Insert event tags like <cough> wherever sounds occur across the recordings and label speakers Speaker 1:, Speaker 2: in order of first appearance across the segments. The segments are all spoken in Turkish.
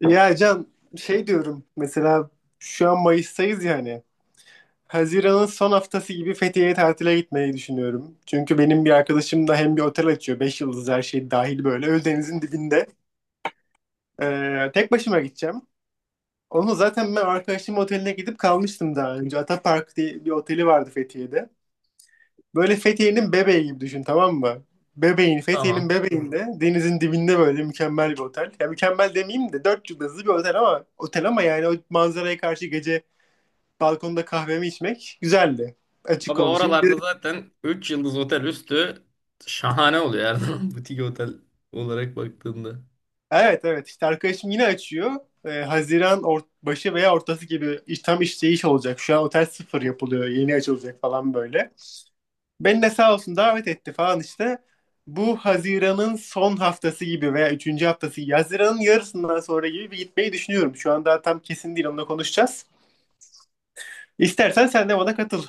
Speaker 1: Ya Can şey diyorum mesela şu an Mayıs'tayız yani. Haziran'ın son haftası gibi Fethiye'ye tatile gitmeyi düşünüyorum. Çünkü benim bir arkadaşım da hem bir otel açıyor. Beş yıldız her şey dahil böyle. Ölüdeniz'in dibinde. Tek başıma gideceğim. Onu zaten ben arkadaşımın oteline gidip kalmıştım daha önce. Atapark diye bir oteli vardı Fethiye'de. Böyle Fethiye'nin bebeği gibi düşün, tamam mı? Bebeğin, Fethiye'nin
Speaker 2: Tamam.
Speaker 1: bebeğinde denizin dibinde böyle mükemmel bir otel. Ya mükemmel demeyeyim de 4 yıldızlı bir otel, ama yani o manzaraya karşı gece balkonda kahvemi içmek güzeldi. Açık
Speaker 2: Baba
Speaker 1: konuşayım.
Speaker 2: oralarda zaten 3 yıldız otel üstü şahane oluyor her zaman <laughs> butik otel olarak baktığında.
Speaker 1: Evet, evet, işte arkadaşım yine açıyor. Haziran başı veya ortası gibi tam işte iş olacak. Şu an otel sıfır yapılıyor. Yeni açılacak falan böyle. Beni de sağ olsun davet etti falan işte. Bu Haziran'ın son haftası gibi veya üçüncü haftası gibi, Haziran'ın yarısından sonra gibi bir gitmeyi düşünüyorum. Şu an daha tam kesin değil, onunla konuşacağız. İstersen sen de bana katıl.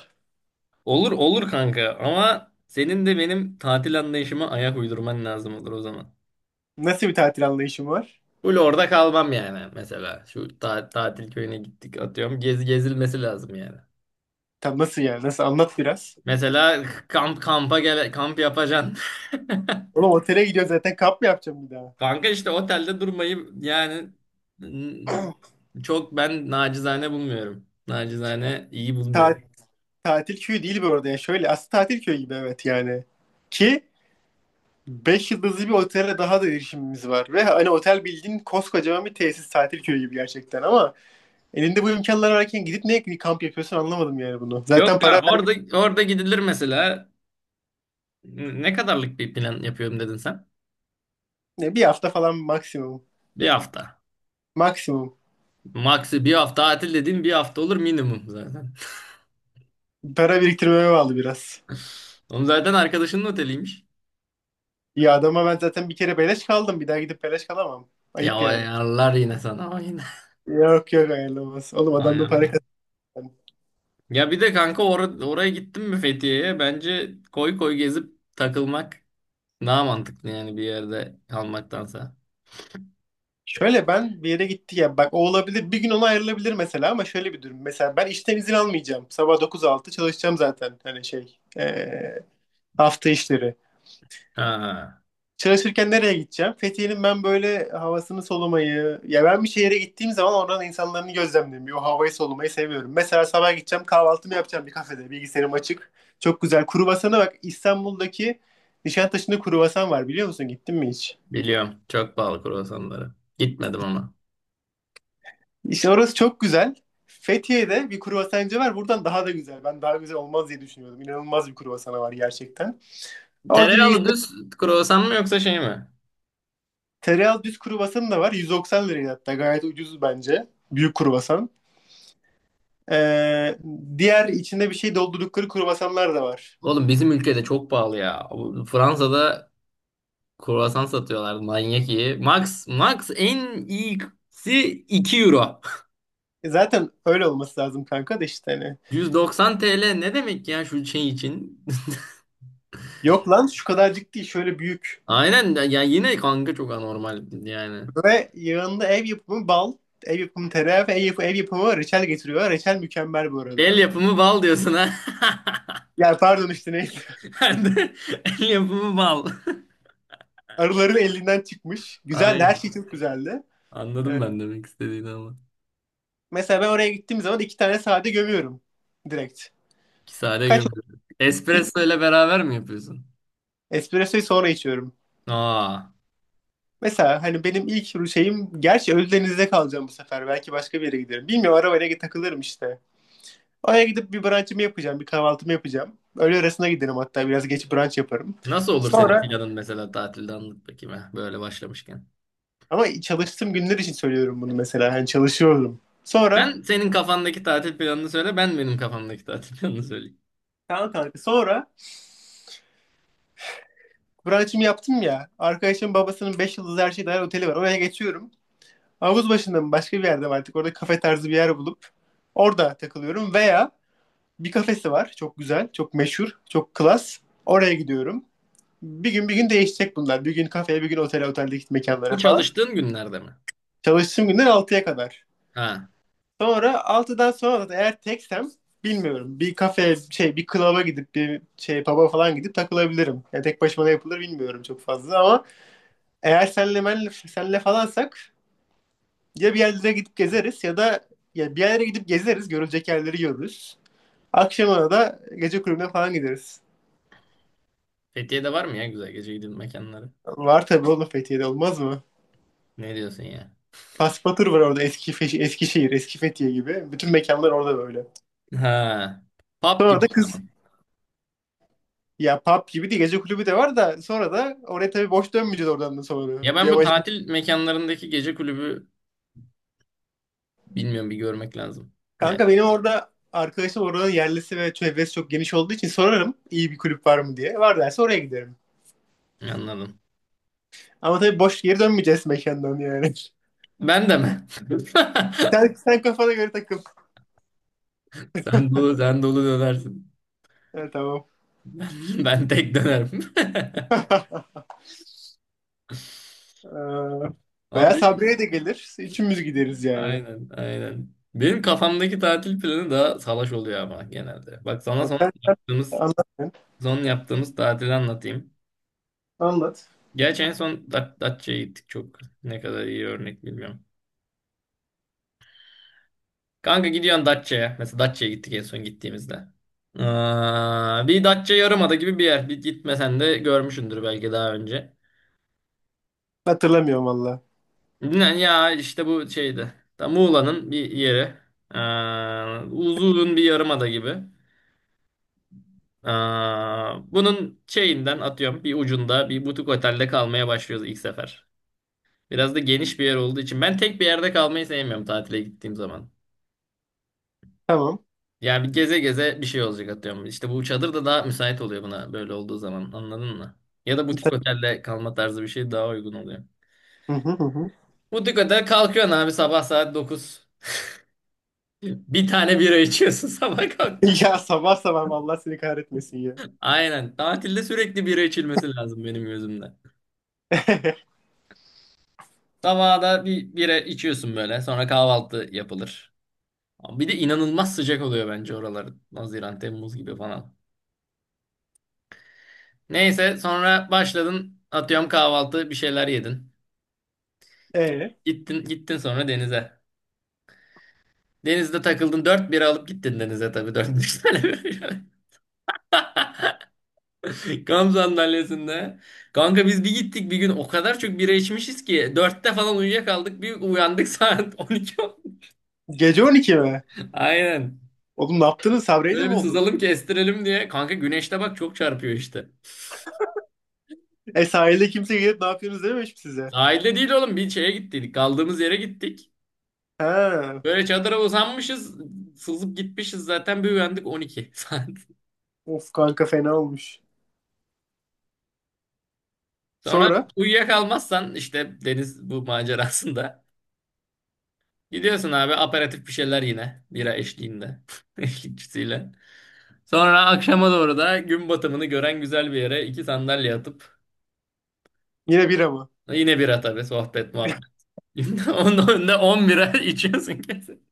Speaker 2: Olur olur kanka ama senin de benim tatil anlayışıma ayak uydurman lazım olur o zaman.
Speaker 1: Nasıl bir tatil anlayışın var?
Speaker 2: Full orada kalmam yani mesela. Tatil köyüne gittik atıyorum. Gezilmesi lazım yani.
Speaker 1: Tam nasıl yani? Nasıl? Anlat biraz.
Speaker 2: Mesela kamp kampa gele kamp yapacaksın.
Speaker 1: Oğlum otele gidiyoruz zaten, kamp mı yapacağım bir daha?
Speaker 2: <laughs> Kanka işte otelde durmayı n- çok ben nacizane bulmuyorum. Nacizane iyi
Speaker 1: Ta-
Speaker 2: bulmuyorum.
Speaker 1: Tatil köyü değil bu arada ya. Şöyle aslında tatil köyü gibi, evet yani. Ki 5 yıldızlı bir otele daha da erişimimiz var. Ve hani otel bildiğin koskocaman bir tesis, tatil köyü gibi gerçekten ama elinde bu imkanlar varken gidip ne kamp yapıyorsun, anlamadım yani bunu. Zaten
Speaker 2: Yok ya
Speaker 1: para
Speaker 2: orada
Speaker 1: vermişsin.
Speaker 2: orada gidilir mesela. Ne kadarlık bir plan yapıyorum dedin sen?
Speaker 1: Bir hafta falan maksimum.
Speaker 2: Bir hafta.
Speaker 1: Maksimum.
Speaker 2: Maksi bir hafta tatil dediğin bir hafta olur minimum zaten.
Speaker 1: Para biriktirmeme bağlı biraz.
Speaker 2: Oğlum zaten arkadaşının oteliymiş.
Speaker 1: Ya adama ben zaten bir kere beleş kaldım. Bir daha gidip beleş kalamam.
Speaker 2: Ya
Speaker 1: Ayıp
Speaker 2: o
Speaker 1: yani.
Speaker 2: ayarlar yine sana o yine.
Speaker 1: Yok yok, ayrılamaz. Oğlum adam da para
Speaker 2: Ayarlar.
Speaker 1: kazandı.
Speaker 2: Ya bir de oraya gittin mi Fethiye'ye? Bence koy koy gezip takılmak daha mantıklı yani bir yerde kalmaktansa.
Speaker 1: Şöyle ben bir yere gitti ya. Bak o olabilir. Bir gün ona ayrılabilir mesela ama şöyle bir durum. Mesela ben işten izin almayacağım. Sabah dokuz altı çalışacağım zaten. Hani şey. Hafta işleri.
Speaker 2: Ha,
Speaker 1: Çalışırken nereye gideceğim? Fethiye'nin ben böyle havasını solumayı, ya ben bir şehire gittiğim zaman oranın insanlarını gözlemlemeyi, o havayı solumayı seviyorum. Mesela sabah gideceğim, kahvaltımı yapacağım bir kafede, bilgisayarım açık. Çok güzel. Kruvasana bak, İstanbul'daki Nişantaşı'nda kruvasan var, biliyor musun? Gittin mi hiç?
Speaker 2: Biliyorum. Çok pahalı kruvasanları. Gitmedim ama.
Speaker 1: İşte orası çok güzel. Fethiye'de bir kruvasancı var. Buradan daha da güzel. Ben daha güzel olmaz diye düşünüyordum. İnanılmaz bir kruvasanı var gerçekten. Orada bir
Speaker 2: Tereyağlı düz kruvasan mı yoksa şey mi?
Speaker 1: tereyağı düz kruvasanı da var. 190 liraya hatta. Gayet ucuz bence. Büyük kruvasan. Ee, Diğer, içinde bir şey doldurdukları kruvasanlar da var.
Speaker 2: Oğlum bizim ülkede çok pahalı ya. Fransa'da kruvasan satıyorlar manyak iyi. Max en iyisi 2 euro.
Speaker 1: E zaten öyle olması lazım kanka da işte hani.
Speaker 2: <laughs> 190 TL ne demek ya şu şey için? <laughs>
Speaker 1: Yok lan, şu kadarcık değil, şöyle büyük.
Speaker 2: Aynen ya yine kanka çok anormal yani.
Speaker 1: Ve yanında ev yapımı bal, ev yapımı tereyağı ve ev yapımı reçel getiriyor. Reçel mükemmel bu
Speaker 2: El
Speaker 1: arada.
Speaker 2: yapımı bal diyorsun ha.
Speaker 1: Ya pardon, işte neydi.
Speaker 2: <laughs> El yapımı bal.
Speaker 1: <laughs> Arıların elinden çıkmış.
Speaker 2: <laughs>
Speaker 1: Güzeldi, her
Speaker 2: Aynen.
Speaker 1: şey çok güzeldi.
Speaker 2: Anladım ben demek istediğini ama.
Speaker 1: Mesela ben oraya gittiğim zaman iki tane sade gömüyorum. Direkt.
Speaker 2: Kisare
Speaker 1: Kaç oldu?
Speaker 2: gömdü.
Speaker 1: Üç.
Speaker 2: Espresso ile beraber mi yapıyorsun?
Speaker 1: Espressoyu sonra içiyorum.
Speaker 2: Aa.
Speaker 1: Mesela hani benim ilk şeyim, gerçi Ölüdeniz'de kalacağım bu sefer. Belki başka bir yere giderim. Bilmiyorum, arabayla takılırım işte. Oraya gidip bir brunch'ımı yapacağım, bir kahvaltımı yapacağım. Öğle arasına giderim, hatta biraz geç brunch yaparım.
Speaker 2: Nasıl olur senin
Speaker 1: Sonra,
Speaker 2: planın mesela tatilde anlat bakayım ha, böyle başlamışken.
Speaker 1: ama çalıştığım günler için söylüyorum bunu mesela. Hani çalışıyorum. Sonra
Speaker 2: Ben senin kafandaki tatil planını söyle, ben benim kafamdaki <laughs> tatil planını söyleyeyim.
Speaker 1: tamam kanka, sonra brunch'ımı yaptım ya. Arkadaşımın babasının 5 yıldızlı her şey dahil oteli var. Oraya geçiyorum. Havuz başında mı başka bir yerde mi artık, orada kafe tarzı bir yer bulup orada takılıyorum veya bir kafesi var. Çok güzel. Çok meşhur. Çok klas. Oraya gidiyorum. Bir gün değişecek bunlar. Bir gün kafeye, bir gün otele, oteldeki mekanlara
Speaker 2: Bu
Speaker 1: falan.
Speaker 2: çalıştığın günlerde mi?
Speaker 1: Çalıştığım günden altıya kadar.
Speaker 2: Ha,
Speaker 1: Sonra altıdan sonra da eğer teksem bilmiyorum. Bir kafeye, şey bir klaba gidip, bir şey pub'a falan gidip takılabilirim. Yani tek başıma ne yapılır bilmiyorum çok fazla ama eğer senle falansak ya bir yerlere gidip gezeriz ya da ya bir yerlere gidip gezeriz, görülecek yerleri görürüz. Akşamına da gece kulübüne falan gideriz.
Speaker 2: Fethiye'de var mı ya güzel gece gidin mekanları?
Speaker 1: Var tabii oğlum, Fethiye'de olmaz mı?
Speaker 2: Ne diyorsun ya?
Speaker 1: Paspatur var orada, Eskişehir, eski Fethiye gibi. Bütün mekanlar orada böyle.
Speaker 2: Ha, pub
Speaker 1: Sonra
Speaker 2: gibi
Speaker 1: da
Speaker 2: o
Speaker 1: kız
Speaker 2: zaman.
Speaker 1: Ya pub gibi değil, gece kulübü de var da sonra da oraya tabii boş dönmeyeceğiz, oradan da sonra.
Speaker 2: Ya
Speaker 1: Bir
Speaker 2: ben bu
Speaker 1: amacım.
Speaker 2: tatil mekanlarındaki gece kulübü bilmiyorum bir görmek lazım. Yani
Speaker 1: Kanka benim orada arkadaşım oranın yerlisi ve çevresi çok geniş olduğu için sorarım iyi bir kulüp var mı diye. Var derse oraya giderim.
Speaker 2: anladım.
Speaker 1: Ama tabii boş geri dönmeyeceğiz mekandan yani. <laughs>
Speaker 2: Ben de mi? <laughs>
Speaker 1: Sen kafana göre takıl.
Speaker 2: Sen dolu dönersin. <laughs>
Speaker 1: Evet, tamam.
Speaker 2: Ben, Ben tek dönerim.
Speaker 1: <laughs>
Speaker 2: <laughs>
Speaker 1: Ee, Veya
Speaker 2: Abi
Speaker 1: Sabri'ye de gelir. Üçümüz gideriz yani.
Speaker 2: aynen, aynen. Benim kafamdaki tatil planı daha salaş oluyor ama genelde. Bak sana
Speaker 1: Ya sen
Speaker 2: yaptığımız
Speaker 1: anlat.
Speaker 2: son yaptığımız tatili anlatayım.
Speaker 1: Anlat.
Speaker 2: Gerçi en son Datça'ya gittik çok. Ne kadar iyi örnek bilmiyorum. Kanka gidiyorsun Datça'ya. Mesela Datça'ya gittik en son gittiğimizde. Bir Datça Yarımada gibi bir yer. Bir gitmesen de görmüşsündür belki daha önce.
Speaker 1: Hatırlamıyorum valla.
Speaker 2: Yani ya işte bu şeydi. Ta Muğla'nın bir yeri. Uzun bir yarımada gibi. Bunun şeyinden atıyorum bir ucunda bir butik otelde kalmaya başlıyoruz ilk sefer. Biraz da geniş bir yer olduğu için ben tek bir yerde kalmayı sevmiyorum tatile gittiğim zaman.
Speaker 1: Tamam.
Speaker 2: Yani bir geze bir şey olacak atıyorum. İşte bu çadır da daha müsait oluyor buna böyle olduğu zaman anladın mı? Ya da butik
Speaker 1: Hatır-
Speaker 2: otelde kalma tarzı bir şey daha uygun oluyor.
Speaker 1: Hı hı, hı hı.
Speaker 2: Butik otel kalkıyorsun abi sabah saat dokuz. <laughs> Bir tane bira içiyorsun <laughs> sabah kalkmış.
Speaker 1: <laughs> Ya sabah sabah Allah seni kahretmesin ya.
Speaker 2: Aynen tatilde sürekli bira içilmesi lazım benim gözümde. Sabahda bir bira içiyorsun böyle. Sonra kahvaltı yapılır. Bir de inanılmaz sıcak oluyor bence oralar. Haziran, Temmuz gibi falan. Neyse sonra başladın. Atıyorum kahvaltı bir şeyler yedin.
Speaker 1: E
Speaker 2: Gittin sonra denize. Denizde takıldın. Dört bira alıp gittin denize tabii. Dört beş tane böyle. <laughs> Kamp sandalyesinde. Kanka biz bir gittik bir gün o kadar çok bira içmişiz ki. Dörtte falan uyuyakaldık. Bir uyandık, <laughs> saat 12 oldu.
Speaker 1: gece on iki mi?
Speaker 2: Aynen.
Speaker 1: Oğlum ne yaptınız? Sabreyle
Speaker 2: Böyle
Speaker 1: mi
Speaker 2: bir
Speaker 1: oldu?
Speaker 2: sızalım kestirelim diye. Kanka güneşte bak çok çarpıyor işte.
Speaker 1: E sahilde kimse gelip ne yapıyorsunuz dememiş mi size?
Speaker 2: Sahilde değil oğlum bir şeye gittik. Kaldığımız yere gittik.
Speaker 1: Ha.
Speaker 2: Böyle çadıra uzanmışız. Sızıp gitmişiz zaten bir uyandık 12 saat.
Speaker 1: Of kanka, fena olmuş.
Speaker 2: <laughs> Sonra
Speaker 1: Sonra
Speaker 2: uyuyakalmazsan işte deniz bu macerasında. Gidiyorsun abi aperatif bir şeyler yine. Bira eşliğinde. <laughs> Eşlikçisiyle. Sonra akşama doğru da gün batımını gören güzel bir yere iki sandalye atıp
Speaker 1: yine bira mı?
Speaker 2: yine bira tabii, sohbet muhabbet. <laughs> Onun önünde 10 bira <laughs> içiyorsun kesin.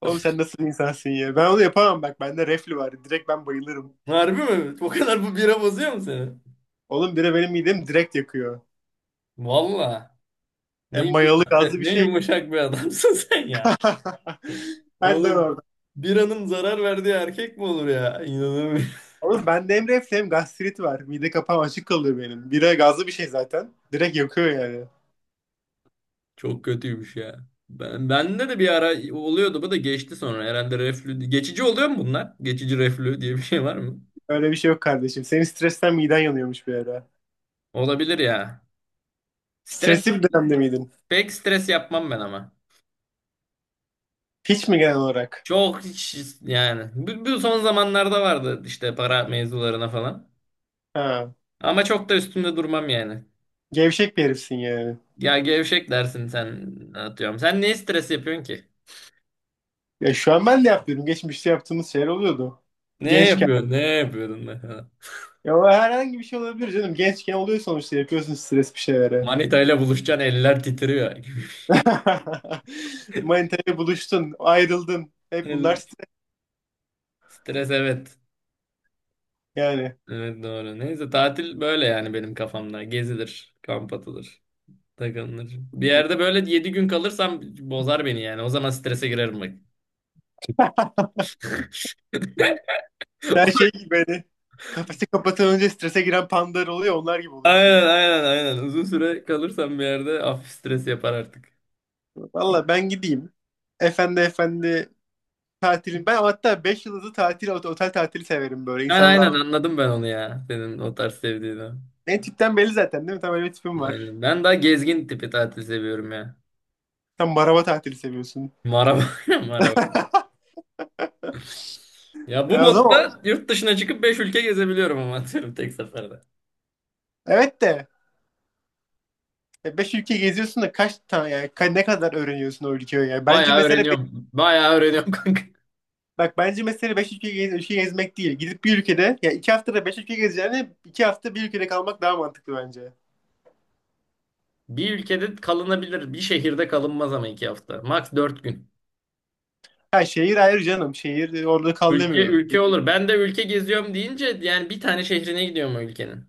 Speaker 1: Oğlum sen nasıl bir insansın ya? Ben onu yapamam bak. Bende reflü var. Direkt ben bayılırım.
Speaker 2: Harbi mi? O kadar bu bira bozuyor mu seni?
Speaker 1: Oğlum bira benim midemi direkt yakıyor.
Speaker 2: Valla.
Speaker 1: E mayalı gazlı bir
Speaker 2: Ne
Speaker 1: şey.
Speaker 2: yumuşak bir adamsın <laughs> sen ya.
Speaker 1: <laughs> Hadi lan
Speaker 2: Oğlum
Speaker 1: oradan.
Speaker 2: bir hanım zarar verdiği erkek mi olur ya? İnanamıyorum.
Speaker 1: Oğlum ben de hem reflü hem gastrit var. Mide kapağım açık kalıyor benim. Bira gazlı bir şey zaten. Direkt yakıyor yani.
Speaker 2: Çok kötüymüş ya. Bende de bir ara oluyordu bu da geçti sonra. Herhalde reflü. Geçici oluyor mu bunlar? Geçici reflü diye bir şey var mı?
Speaker 1: Öyle bir şey yok kardeşim. Senin stresten miden yanıyormuş bir ara.
Speaker 2: Olabilir ya. Stres,
Speaker 1: Stresli bir dönemde miydin?
Speaker 2: Pek stres yapmam ben ama.
Speaker 1: Hiç mi genel olarak?
Speaker 2: Çok hiç- yani. Bu son zamanlarda vardı işte para mevzularına falan.
Speaker 1: Ha.
Speaker 2: Ama çok da üstünde durmam yani.
Speaker 1: Gevşek bir herifsin yani.
Speaker 2: Ya gevşek dersin sen atıyorum. Sen ne stres yapıyorsun ki?
Speaker 1: Ya şu an ben de yapıyorum. Geçmişte yaptığımız şeyler oluyordu.
Speaker 2: Ne
Speaker 1: Gençken.
Speaker 2: yapıyorsun? Ne yapıyordun mesela?
Speaker 1: Ya o herhangi bir şey olabilir canım. Gençken oluyor sonuçta. Yapıyorsun stres bir şeylere.
Speaker 2: Manita ile buluşacaksın eller titriyor. <laughs>
Speaker 1: <laughs> Manitayla buluştun. Ayrıldın. Hep bunlar
Speaker 2: El-
Speaker 1: stres
Speaker 2: Stres evet.
Speaker 1: yani.
Speaker 2: Evet doğru. Neyse tatil böyle yani benim kafamda. Gezilir, kamp atılır, takılır. Bir yerde böyle 7 gün kalırsam bozar beni yani. O zaman strese girerim bak. <laughs>
Speaker 1: Sen şey gibi hani, kafesi kapatan önce strese giren pandalar oluyor, onlar gibi oluyorsun yani.
Speaker 2: Aynen. Uzun süre kalırsam bir yerde hafif stres yapar artık.
Speaker 1: Valla ben gideyim. Efendi efendi tatilim. Ben hatta 5 yıldızlı tatil, otel tatili severim böyle
Speaker 2: Yani aynen
Speaker 1: insanlarla.
Speaker 2: anladım ben onu ya. Senin o tarz sevdiğini.
Speaker 1: Ne tipten belli zaten, değil mi? Tam öyle bir tipim var.
Speaker 2: Aynen. Ben daha gezgin tipi tatil seviyorum ya.
Speaker 1: Tam maraba tatili seviyorsun.
Speaker 2: Maraba. <laughs> Maraba.
Speaker 1: <laughs>
Speaker 2: Ya bu
Speaker 1: O zaman
Speaker 2: modda yurt dışına çıkıp 5 ülke gezebiliyorum ama atıyorum tek seferde.
Speaker 1: evet de, beş ülke geziyorsun da kaç tane yani ne kadar öğreniyorsun o ülkeyi yani.
Speaker 2: Bayağı öğreniyorum <laughs> kanka.
Speaker 1: Bak bence mesele 5 ülke, ülke gezmek değil. Gidip bir ülkede, ya 2 haftada 5 ülke gezeceğine 2 hafta bir ülkede kalmak daha mantıklı bence.
Speaker 2: Bir ülkede kalınabilir. Bir şehirde kalınmaz ama iki hafta. Max dört gün.
Speaker 1: Ha şehir ayrı canım. Şehir, orada kal
Speaker 2: Ülke
Speaker 1: demiyorum.
Speaker 2: ülke olur. Ben de ülke geziyorum deyince yani bir tane şehrine gidiyorum o ülkenin.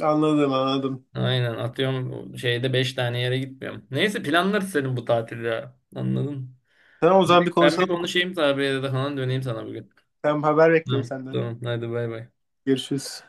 Speaker 1: Anladım, anladım.
Speaker 2: Aynen atıyorum şeyde beş tane yere gitmiyorum. Neyse planlarız senin bu tatilde ya. Anladın?
Speaker 1: Tamam o zaman bir
Speaker 2: Ben
Speaker 1: konuşalım
Speaker 2: bir
Speaker 1: bu konuyu.
Speaker 2: konuşayım tabiyle de falan döneyim sana bugün.
Speaker 1: Ben haber bekliyorum
Speaker 2: Tamam.
Speaker 1: senden.
Speaker 2: Tamam. Hadi bay bay.
Speaker 1: Görüşürüz.